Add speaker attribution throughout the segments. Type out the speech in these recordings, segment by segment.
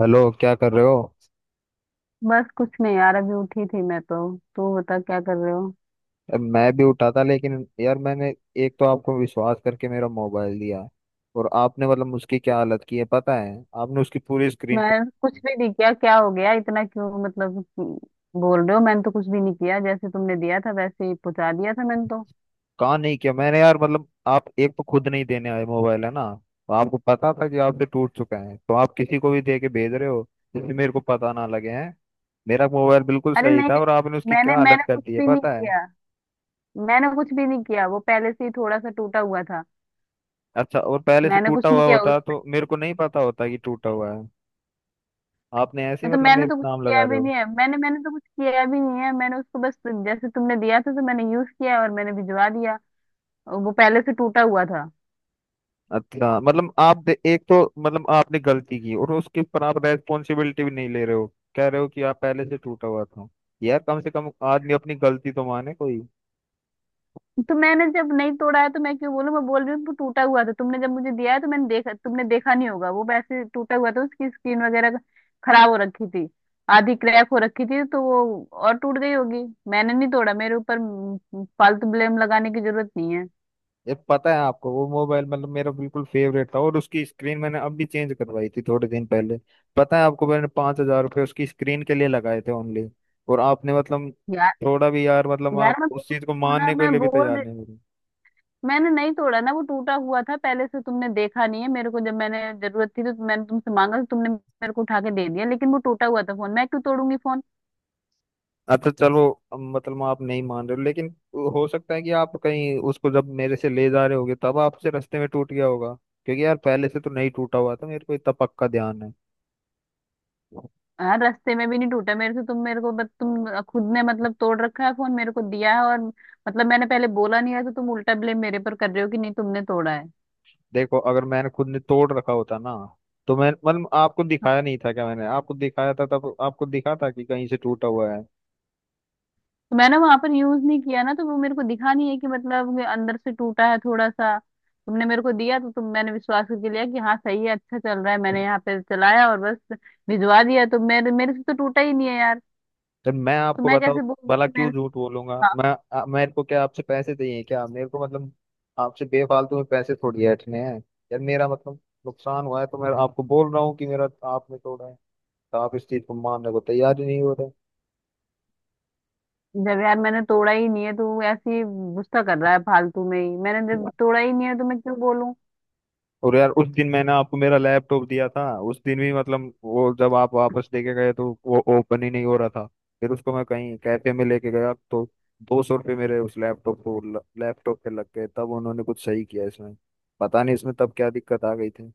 Speaker 1: Hello, क्या कर रहे हो।
Speaker 2: बस कुछ नहीं यार, अभी उठी थी मैं तो। तू बता क्या कर रहे हो।
Speaker 1: अब मैं भी उठा था लेकिन यार मैंने एक तो आपको विश्वास करके मेरा मोबाइल दिया और आपने मतलब उसकी क्या हालत की है पता है। आपने उसकी पूरी स्क्रीन
Speaker 2: मैं
Speaker 1: तो
Speaker 2: कुछ भी नहीं किया, क्या हो गया, इतना क्यों मतलब बोल रहे हो। मैंने तो कुछ भी नहीं किया, जैसे तुमने दिया था वैसे ही पहुंचा दिया था मैंने तो।
Speaker 1: कहा नहीं किया मैंने यार। मतलब आप एक तो खुद नहीं देने आए मोबाइल है ना, तो आपको पता था कि आपसे टूट चुका है तो आप किसी को भी दे के भेज रहे हो जिससे मेरे को पता ना लगे हैं। मेरा मोबाइल बिल्कुल
Speaker 2: अरे
Speaker 1: सही था
Speaker 2: नहीं।
Speaker 1: और आपने उसकी
Speaker 2: मैंने
Speaker 1: क्या
Speaker 2: मैंने
Speaker 1: हालत कर
Speaker 2: कुछ
Speaker 1: दी है
Speaker 2: भी नहीं
Speaker 1: पता है।
Speaker 2: किया। मैंने कुछ भी नहीं किया, वो पहले से ही थोड़ा सा टूटा हुआ था।
Speaker 1: अच्छा, और पहले से
Speaker 2: मैंने कुछ
Speaker 1: टूटा
Speaker 2: नहीं
Speaker 1: हुआ
Speaker 2: किया
Speaker 1: होता
Speaker 2: उससे।
Speaker 1: तो मेरे को नहीं पता होता कि टूटा हुआ है। आपने ऐसे
Speaker 2: हाँ,
Speaker 1: ही
Speaker 2: तो
Speaker 1: मतलब
Speaker 2: मैंने
Speaker 1: मेरे
Speaker 2: तो कुछ
Speaker 1: पे नाम
Speaker 2: किया
Speaker 1: लगा रहे
Speaker 2: भी
Speaker 1: हो।
Speaker 2: नहीं है। मैंने मैंने तो कुछ किया भी नहीं है। मैंने उसको बस जैसे तुमने दिया था तो मैंने यूज किया और मैंने भिजवा दिया। और वो पहले से टूटा हुआ था।
Speaker 1: अच्छा मतलब एक तो मतलब आपने गलती की और उसके ऊपर आप रेस्पॉन्सिबिलिटी भी नहीं ले रहे हो। कह रहे हो कि आप पहले से टूटा हुआ था। यार कम से कम आदमी अपनी गलती तो माने कोई।
Speaker 2: तो मैंने जब नहीं तोड़ा है तो मैं क्यों बोलूं। मैं बोल रही हूँ वो टूटा हुआ था, तुमने जब मुझे दिया है तो मैंने देखा, तुमने देखा नहीं होगा, वो वैसे टूटा हुआ था, उसकी स्किन वगैरह खराब हो रखी थी, आधी क्रैक हो रखी थी तो वो और टूट गई होगी। मैंने नहीं तोड़ा, मेरे ऊपर म, म, फालतू ब्लेम लगाने की जरूरत नहीं है।
Speaker 1: ये पता है आपको वो मोबाइल मतलब मेरा बिल्कुल फेवरेट था और उसकी स्क्रीन मैंने अब भी चेंज करवाई थी थोड़े दिन पहले। पता है आपको मैंने 5,000 रुपये उसकी स्क्रीन के लिए लगाए थे ओनली। और आपने मतलब
Speaker 2: यार,
Speaker 1: थोड़ा भी यार मतलब
Speaker 2: यार
Speaker 1: आप
Speaker 2: मैं बोल
Speaker 1: उस चीज को
Speaker 2: रही हूँ ना
Speaker 1: मानने के
Speaker 2: मैं
Speaker 1: लिए भी
Speaker 2: बोल
Speaker 1: तैयार
Speaker 2: रही
Speaker 1: नहीं हुए।
Speaker 2: मैंने नहीं तोड़ा ना, वो टूटा हुआ था पहले से, तुमने देखा नहीं है। मेरे को जब मैंने जरूरत थी तो मैंने तुमसे मांगा, तो तुमने मेरे को उठा के दे दिया, लेकिन वो टूटा हुआ था फोन। मैं क्यों तोड़ूंगी फोन।
Speaker 1: अच्छा चलो, अब मतलब आप नहीं मान रहे हो, लेकिन हो सकता है कि आप कहीं उसको जब मेरे से ले जा रहे होगे तब आपसे रास्ते में टूट गया होगा। क्योंकि यार पहले से तो नहीं टूटा हुआ था, मेरे को इतना पक्का ध्यान है।
Speaker 2: हाँ, रास्ते में भी नहीं टूटा मेरे से। तुम मेरे को बस, तुम खुद ने मतलब तोड़ रखा है फोन, मेरे को दिया है, और मतलब मैंने पहले बोला नहीं है तो तुम उल्टा ब्लेम मेरे पर कर रहे हो कि नहीं तुमने तोड़ा है।
Speaker 1: देखो अगर मैंने खुद ने तोड़ रखा होता ना तो मैं मतलब आपको दिखाया नहीं था क्या। मैंने आपको दिखाया था तब आपको दिखा था कि कहीं से टूटा हुआ है।
Speaker 2: तो मैंने वहां पर यूज नहीं किया ना, तो वो मेरे को दिखा नहीं है कि मतलब ये अंदर से टूटा है थोड़ा सा। तुमने मेरे को दिया तो तुम, मैंने विश्वास करके लिया कि हाँ सही है, अच्छा चल रहा है, मैंने यहाँ पे चलाया और बस भिजवा दिया। तो मेरे मेरे से तो टूटा ही नहीं है यार।
Speaker 1: तो मैं
Speaker 2: तो
Speaker 1: आपको
Speaker 2: मैं
Speaker 1: बताऊं
Speaker 2: कैसे बोलूँ
Speaker 1: भला
Speaker 2: कि मैं।
Speaker 1: क्यों झूठ बोलूंगा
Speaker 2: हाँ,
Speaker 1: मैं। मेरे को क्या आपसे पैसे चाहिए क्या मेरे को मतलब आपसे बेफालतू में पैसे थोड़ी ऐंठने हैं। यार मेरा मतलब नुकसान हुआ है तो मैं आपको बोल रहा हूँ कि मेरा आपने तोड़ा है। तो आप इस चीज को मानने को तैयार ही नहीं हो रहे।
Speaker 2: जब यार मैंने तोड़ा ही नहीं है तो ऐसी गुस्सा कर रहा है फालतू में ही। मैंने जब तोड़ा ही नहीं है तो मैं क्यों बोलूँ।
Speaker 1: और यार उस दिन मैंने आपको मेरा लैपटॉप दिया था। उस दिन भी मतलब वो जब आप वापस लेके गए तो वो ओपन ही नहीं हो रहा था। फिर उसको मैं कहीं कैफे में लेके गया तो 200 रुपये मेरे उस लैपटॉप को लैपटॉप पे लग गए तब उन्होंने कुछ सही किया इसमें। पता नहीं इसमें तब क्या दिक्कत आ गई थी।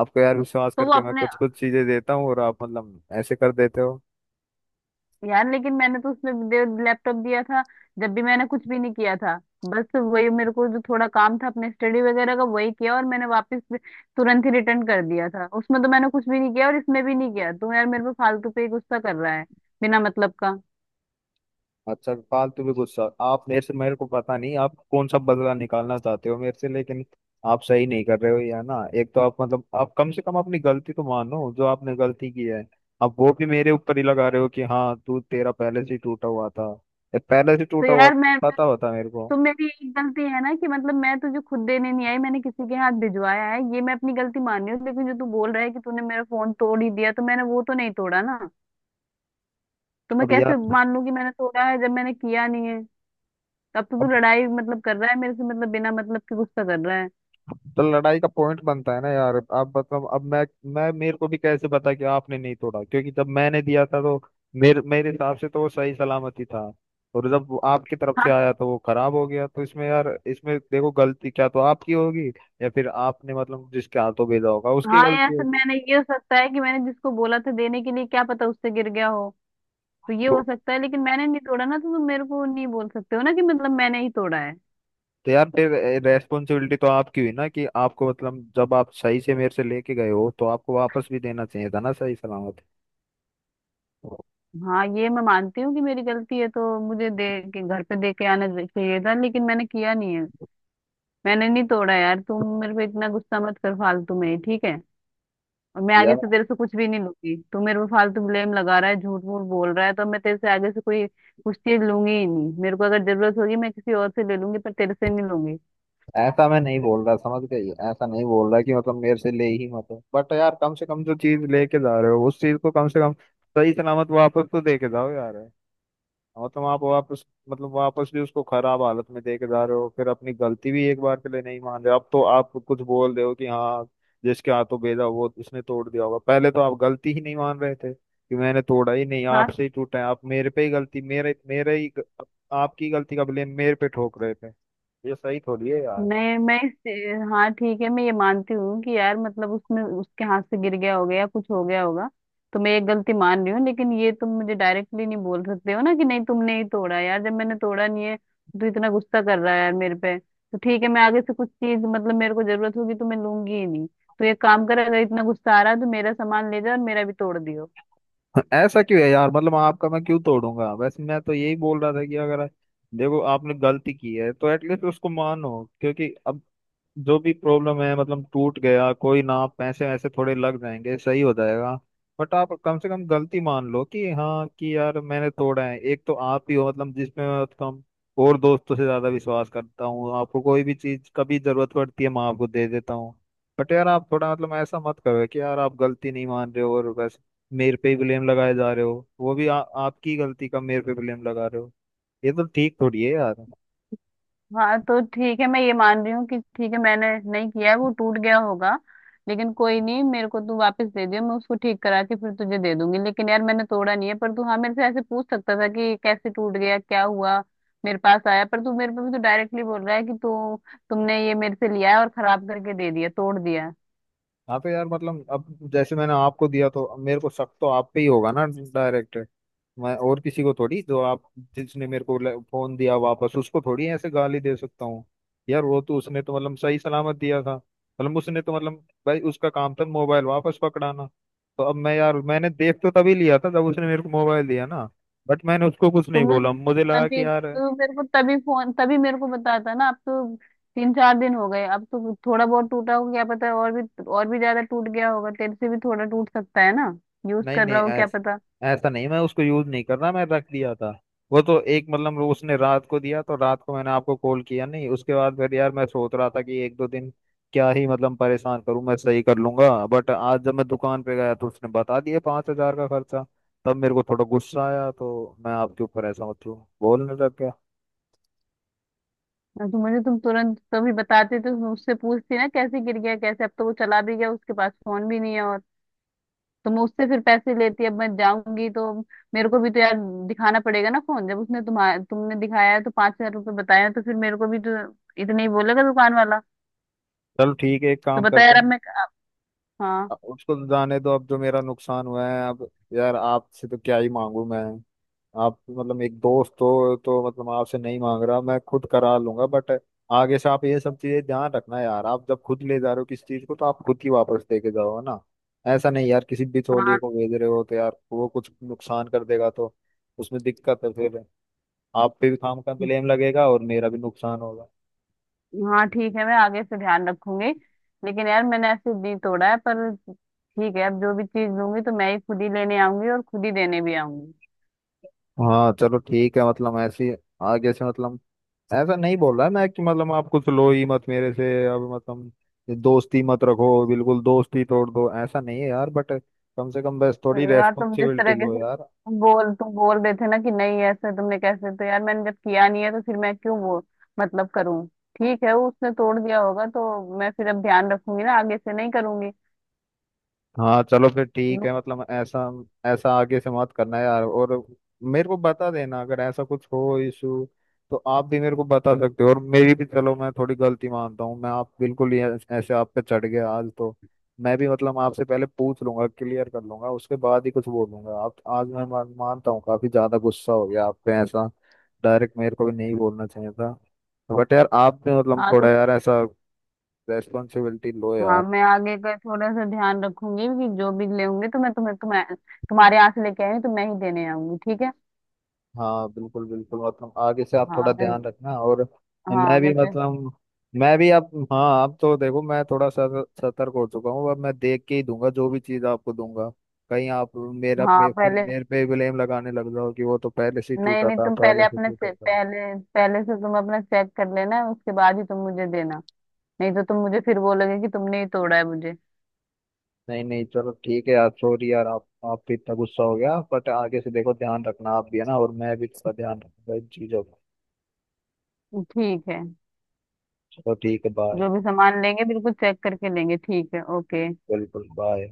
Speaker 1: आपको यार विश्वास
Speaker 2: तो वो
Speaker 1: करके मैं
Speaker 2: अपने
Speaker 1: कुछ कुछ चीजें देता हूँ और आप मतलब ऐसे कर देते हो।
Speaker 2: यार, लेकिन मैंने तो उसमें लैपटॉप दिया था, जब भी मैंने कुछ भी नहीं किया था, बस वही मेरे को जो थोड़ा काम था अपने स्टडी वगैरह का वही किया, और मैंने वापस भी तुरंत ही रिटर्न कर दिया था। उसमें तो मैंने कुछ भी नहीं किया और इसमें भी नहीं किया, तो यार मेरे पे फालतू पे ही गुस्सा कर रहा है बिना मतलब का।
Speaker 1: अच्छा फालतू भी गुस्सा आप मेरे से, मेरे को पता नहीं आप कौन सा बदला निकालना चाहते हो मेरे से, लेकिन आप सही नहीं कर रहे हो या ना। एक तो आप मतलब आप कम से कम अपनी गलती तो मानो जो आपने गलती की है। आप वो भी मेरे ऊपर ही लगा रहे हो कि हाँ तू तेरा पहले से ही टूटा हुआ था। ये पहले से
Speaker 2: तो
Speaker 1: टूटा हुआ
Speaker 2: यार
Speaker 1: था, पता होता मेरे को।
Speaker 2: तो मेरी एक गलती है ना कि मतलब मैं तुझे खुद देने नहीं आई, मैंने किसी के हाथ भिजवाया है, ये मैं अपनी गलती मान रही हूँ, लेकिन जो तू बोल रहा है कि तूने मेरा फोन तोड़ ही दिया, तो मैंने वो तो नहीं तोड़ा ना। तो मैं
Speaker 1: अब यार
Speaker 2: कैसे मान लूं कि मैंने तोड़ा है जब मैंने किया नहीं है। तब तो तू लड़ाई मतलब कर रहा है मेरे से, मतलब बिना मतलब के गुस्सा कर रहा है।
Speaker 1: तो लड़ाई का पॉइंट बनता है ना यार। अब मतलब अब मैं मेरे को भी कैसे पता कि आपने नहीं तोड़ा, क्योंकि जब मैंने दिया था तो मेरे मेरे हिसाब से तो वो सही सलामत ही था। और जब वो आपकी तरफ से
Speaker 2: हाँ।
Speaker 1: आया तो वो खराब हो गया तो इसमें यार इसमें देखो गलती क्या तो आपकी होगी या फिर आपने मतलब जिसके हाथों भेजा होगा उसकी
Speaker 2: हाँ यार
Speaker 1: गलती
Speaker 2: सर,
Speaker 1: होगी।
Speaker 2: मैंने ये, हो सकता है कि मैंने जिसको बोला था देने के लिए, क्या पता उससे गिर गया हो। तो ये हो
Speaker 1: तो
Speaker 2: सकता है, लेकिन मैंने नहीं तोड़ा ना, तो तुम मेरे को नहीं बोल सकते हो ना कि मतलब मैंने ही तोड़ा है।
Speaker 1: तो यार फिर रेस्पॉन्सिबिलिटी तो आपकी हुई ना कि आपको मतलब जब आप सही से मेरे से लेके गए हो तो आपको वापस भी देना चाहिए था ना सही सलामत।
Speaker 2: हाँ ये मैं मानती हूँ कि मेरी गलती है तो मुझे दे के घर पे दे के आना चाहिए था, लेकिन मैंने किया नहीं है। मैंने नहीं तोड़ा यार, तुम मेरे पे इतना गुस्सा मत कर फालतू में, ठीक है। और मैं आगे
Speaker 1: यार
Speaker 2: से तेरे से कुछ भी नहीं लूंगी, तू मेरे पे फालतू ब्लेम लगा रहा है, झूठ मूठ बोल रहा है, तो मैं तेरे से आगे से कोई कुछ चीज लूंगी ही नहीं। मेरे को अगर जरूरत होगी मैं किसी और से ले लूंगी पर तेरे से नहीं लूंगी।
Speaker 1: ऐसा मैं नहीं बोल रहा, समझ गई, ऐसा नहीं बोल रहा कि मतलब मेरे से ले ही मत। बट यार कम से कम जो चीज लेके जा रहे हो उस चीज को कम से कम सही सलामत वापस तो दे के जाओ यार। मतलब आप वापस मतलब वापस भी उसको खराब हालत में दे के जा रहे हो फिर अपनी गलती भी एक बार के लिए नहीं मान रहे। अब तो आप कुछ बोल रहे हो कि हाँ जिसके हाथों भेजा वो उसने तोड़ दिया होगा, पहले तो आप गलती ही नहीं मान रहे थे कि मैंने तोड़ा ही नहीं
Speaker 2: हाँ।
Speaker 1: आपसे ही टूटा है। आप मेरे पे ही गलती मेरे मेरे ही आपकी गलती का ब्लेम मेरे पे ठोक रहे थे। ये सही थोड़ी है यार।
Speaker 2: हाँ ठीक है, मैं ये मानती हूँ कि यार मतलब उसमें उसके हाथ से गिर गया होगा या कुछ हो गया होगा, तो मैं ये गलती मान रही हूँ। लेकिन ये तुम मुझे डायरेक्टली नहीं बोल सकते हो ना कि नहीं तुमने ही तोड़ा। यार जब मैंने तोड़ा नहीं है तो इतना गुस्सा कर रहा है यार मेरे पे। तो ठीक है, मैं आगे से कुछ चीज मतलब मेरे को जरूरत होगी तो मैं लूंगी ही नहीं। तो एक काम कर, अगर इतना गुस्सा आ रहा है तो मेरा सामान ले जाओ और मेरा भी तोड़ दियो।
Speaker 1: ऐसा क्यों है यार मतलब आपका मैं क्यों तोड़ूंगा, वैसे मैं तो यही बोल रहा था कि अगर देखो आपने गलती की है तो एटलीस्ट उसको मानो क्योंकि अब जो भी प्रॉब्लम है मतलब टूट गया कोई ना, आप पैसे वैसे थोड़े लग जाएंगे, सही हो जाएगा। बट आप कम से कम गलती मान लो कि हाँ कि यार मैंने तोड़ा है। एक तो आप ही हो मतलब जिसमें मैं कम और दोस्तों से ज्यादा विश्वास करता हूँ, आपको कोई भी चीज कभी जरूरत पड़ती है मैं आपको दे देता हूँ। बट यार आप थोड़ा मतलब ऐसा मत करो कि यार आप गलती नहीं मान रहे हो और बस मेरे पे ही ब्लेम लगाए जा रहे हो, वो भी आपकी गलती का मेरे पे ब्लेम लगा रहे हो। ये तो ठीक थोड़ी है यार।
Speaker 2: हाँ, तो ठीक है, मैं ये मान रही हूँ कि ठीक है मैंने नहीं किया है, वो टूट गया होगा। लेकिन कोई नहीं, मेरे को तू वापस दे दियो, मैं उसको ठीक करा के फिर तुझे दे दूंगी। लेकिन यार मैंने तोड़ा नहीं है, पर तू हाँ मेरे से ऐसे पूछ सकता था कि कैसे टूट गया, क्या हुआ, मेरे पास आया। पर तू मेरे पे भी तो डायरेक्टली बोल रहा है कि तू, तुमने ये मेरे से लिया है और खराब करके दे दिया, तोड़ दिया।
Speaker 1: हाँ तो यार मतलब अब जैसे मैंने आपको दिया तो अब मेरे को शक तो आप पे ही होगा ना डायरेक्ट। मैं और किसी को थोड़ी जो आप जिसने मेरे को ले- फोन दिया वापस उसको थोड़ी ऐसे गाली दे सकता हूँ। यार वो तो उसने तो मतलब सही सलामत दिया था, मतलब उसने तो मतलब भाई उसका काम था मोबाइल वापस पकड़ाना। तो अब मैं यार मैंने देख तो तभी लिया था जब उसने मेरे को मोबाइल दिया ना, बट मैंने उसको कुछ
Speaker 2: तो
Speaker 1: नहीं
Speaker 2: मुझे
Speaker 1: बोला, मुझे लगा कि
Speaker 2: तभी
Speaker 1: यार
Speaker 2: तो, मेरे को तभी फोन, तभी मेरे को बताता ना। अब तो 3-4 दिन हो गए, अब तो थोड़ा बहुत टूटा हो क्या पता, और भी ज्यादा टूट गया होगा। तेरे से भी थोड़ा टूट सकता है ना, यूज
Speaker 1: नहीं
Speaker 2: कर
Speaker 1: नहीं,
Speaker 2: रहा हो क्या
Speaker 1: ऐसा
Speaker 2: पता।
Speaker 1: ऐसा नहीं, मैं उसको यूज नहीं कर रहा, मैं रख दिया था। वो तो एक मतलब उसने रात को दिया तो रात को मैंने आपको कॉल किया नहीं, उसके बाद फिर यार मैं सोच रहा था कि एक दो दिन क्या ही मतलब परेशान करूं, मैं सही कर लूंगा, बट आज जब मैं दुकान पे गया तो उसने बता दिया 5,000 का खर्चा। तब मेरे को थोड़ा गुस्सा आया तो मैं आपके ऊपर ऐसा मतलब बोलने लग गया।
Speaker 2: हाँ, तो मुझे तुम तुरंत कभी बताते तो मैं उससे पूछती ना कैसे गिर गया कैसे। अब तो वो चला भी गया, उसके पास फोन भी नहीं है और, तो मैं उससे फिर पैसे लेती। अब मैं जाऊंगी तो मेरे को भी तो यार दिखाना पड़ेगा ना फोन, जब उसने तुम्हारा, तुमने दिखाया है तो 5,000 रुपये बताया है, तो फिर मेरे को भी तो इतने ही बोलेगा दुकान वाला।
Speaker 1: चलो ठीक है, एक
Speaker 2: तो
Speaker 1: काम
Speaker 2: बता
Speaker 1: करते
Speaker 2: यार, अब
Speaker 1: हैं।
Speaker 2: मैं। हाँ।
Speaker 1: उसको जाने दो, अब जो मेरा नुकसान हुआ है अब यार आपसे तो क्या ही मांगू मैं। आप मतलब एक दोस्त हो तो मतलब आपसे नहीं मांग रहा, मैं खुद करा लूंगा। बट आगे से आप ये सब चीजें ध्यान रखना यार, आप जब खुद ले जा रहे हो किसी चीज को तो आप खुद ही वापस लेके जाओ है ना। ऐसा नहीं यार किसी बिचौलिए
Speaker 2: हाँ।
Speaker 1: को भेज रहे हो तो यार वो कुछ नुकसान कर देगा तो उसमें दिक्कत है फिर। आप पे भी काम का ब्लेम लगेगा और मेरा भी नुकसान होगा।
Speaker 2: हाँ ठीक है, मैं आगे से ध्यान रखूंगी। लेकिन यार मैंने ऐसे दी तोड़ा है पर, ठीक है। अब जो भी चीज लूंगी तो मैं ही खुद ही लेने आऊंगी और खुद ही देने भी आऊंगी।
Speaker 1: हाँ चलो ठीक है, मतलब ऐसे ही आगे से मतलब ऐसा नहीं बोल रहा मैं कि मतलब आप कुछ लो ही मत मेरे से। अब मतलब ये दोस्ती मत रखो, बिल्कुल दोस्ती तोड़ दो, ऐसा नहीं है यार, बट कम से कम बस
Speaker 2: तो
Speaker 1: थोड़ी
Speaker 2: यार तुम जिस
Speaker 1: रेस्पॉन्सिबिलिटी
Speaker 2: तरीके
Speaker 1: लो
Speaker 2: से
Speaker 1: यार।
Speaker 2: तुम बोल रहे थे ना कि नहीं ऐसे तुमने कैसे, तो यार मैंने जब किया नहीं है तो फिर मैं क्यों वो मतलब करूं। ठीक है, वो उसने तोड़ दिया होगा, तो मैं फिर अब ध्यान रखूंगी ना, आगे से नहीं करूंगी।
Speaker 1: हाँ चलो फिर ठीक है, मतलब ऐसा ऐसा आगे से मत करना यार। और मेरे को बता देना अगर ऐसा कुछ हो इशू तो आप भी मेरे को बता सकते हो। और मेरी भी चलो मैं थोड़ी गलती मानता हूँ, मैं आप बिल्कुल ही ऐस- ऐसे आप पे चढ़ गया आज तो। मैं भी मतलब आपसे पहले पूछ लूंगा, क्लियर कर लूंगा, उसके बाद ही कुछ बोलूंगा आप। आज मैं मानता हूँ काफी ज्यादा गुस्सा हो गया आप पे, ऐसा डायरेक्ट मेरे को भी नहीं बोलना चाहिए था। बट यार आप भी मतलब
Speaker 2: हाँ।
Speaker 1: थोड़ा यार ऐसा रेस्पॉन्सिबिलिटी लो
Speaker 2: हाँ
Speaker 1: यार।
Speaker 2: मैं आगे का थोड़ा सा ध्यान रखूंगी कि जो भी ले होंगे तो मैं तुम्हें तुम्हें तुम्हारे यहाँ से लेके आई हूँ तो मैं ही देने आऊंगी, ठीक है।
Speaker 1: हाँ बिल्कुल बिल्कुल मतलब आगे से आप
Speaker 2: हाँ
Speaker 1: थोड़ा
Speaker 2: मैं।
Speaker 1: ध्यान रखना। और
Speaker 2: हाँ
Speaker 1: मैं भी
Speaker 2: मुझे।
Speaker 1: मतलब मैं भी अब हाँ अब तो देखो मैं थोड़ा सतर्क हो चुका हूँ, अब मैं देख के ही दूंगा जो भी चीज़ आपको दूंगा। कहीं
Speaker 2: हाँ
Speaker 1: फिर
Speaker 2: पहले।
Speaker 1: मेरे पे ब्लेम लगाने लग जाओ कि वो तो पहले से ही
Speaker 2: नहीं
Speaker 1: टूटा
Speaker 2: नहीं,
Speaker 1: था,
Speaker 2: तुम पहले
Speaker 1: पहले से
Speaker 2: अपने
Speaker 1: टूटा
Speaker 2: से-
Speaker 1: था।
Speaker 2: पहले पहले से तुम अपना चेक कर लेना, उसके बाद ही तुम मुझे देना। नहीं तो तुम मुझे फिर बोलोगे कि तुमने ही तोड़ा है मुझे।
Speaker 1: नहीं नहीं चलो ठीक है यार, सॉरी यार आप पे इतना गुस्सा हो गया, बट आगे से देखो ध्यान रखना आप भी है ना, और मैं भी थोड़ा ध्यान रखूंगा इन चीज़ों का।
Speaker 2: ठीक है।
Speaker 1: चलो ठीक है बाय।
Speaker 2: जो भी सामान लेंगे बिल्कुल चेक करके लेंगे, ठीक है, ओके।
Speaker 1: बिल्कुल बाय।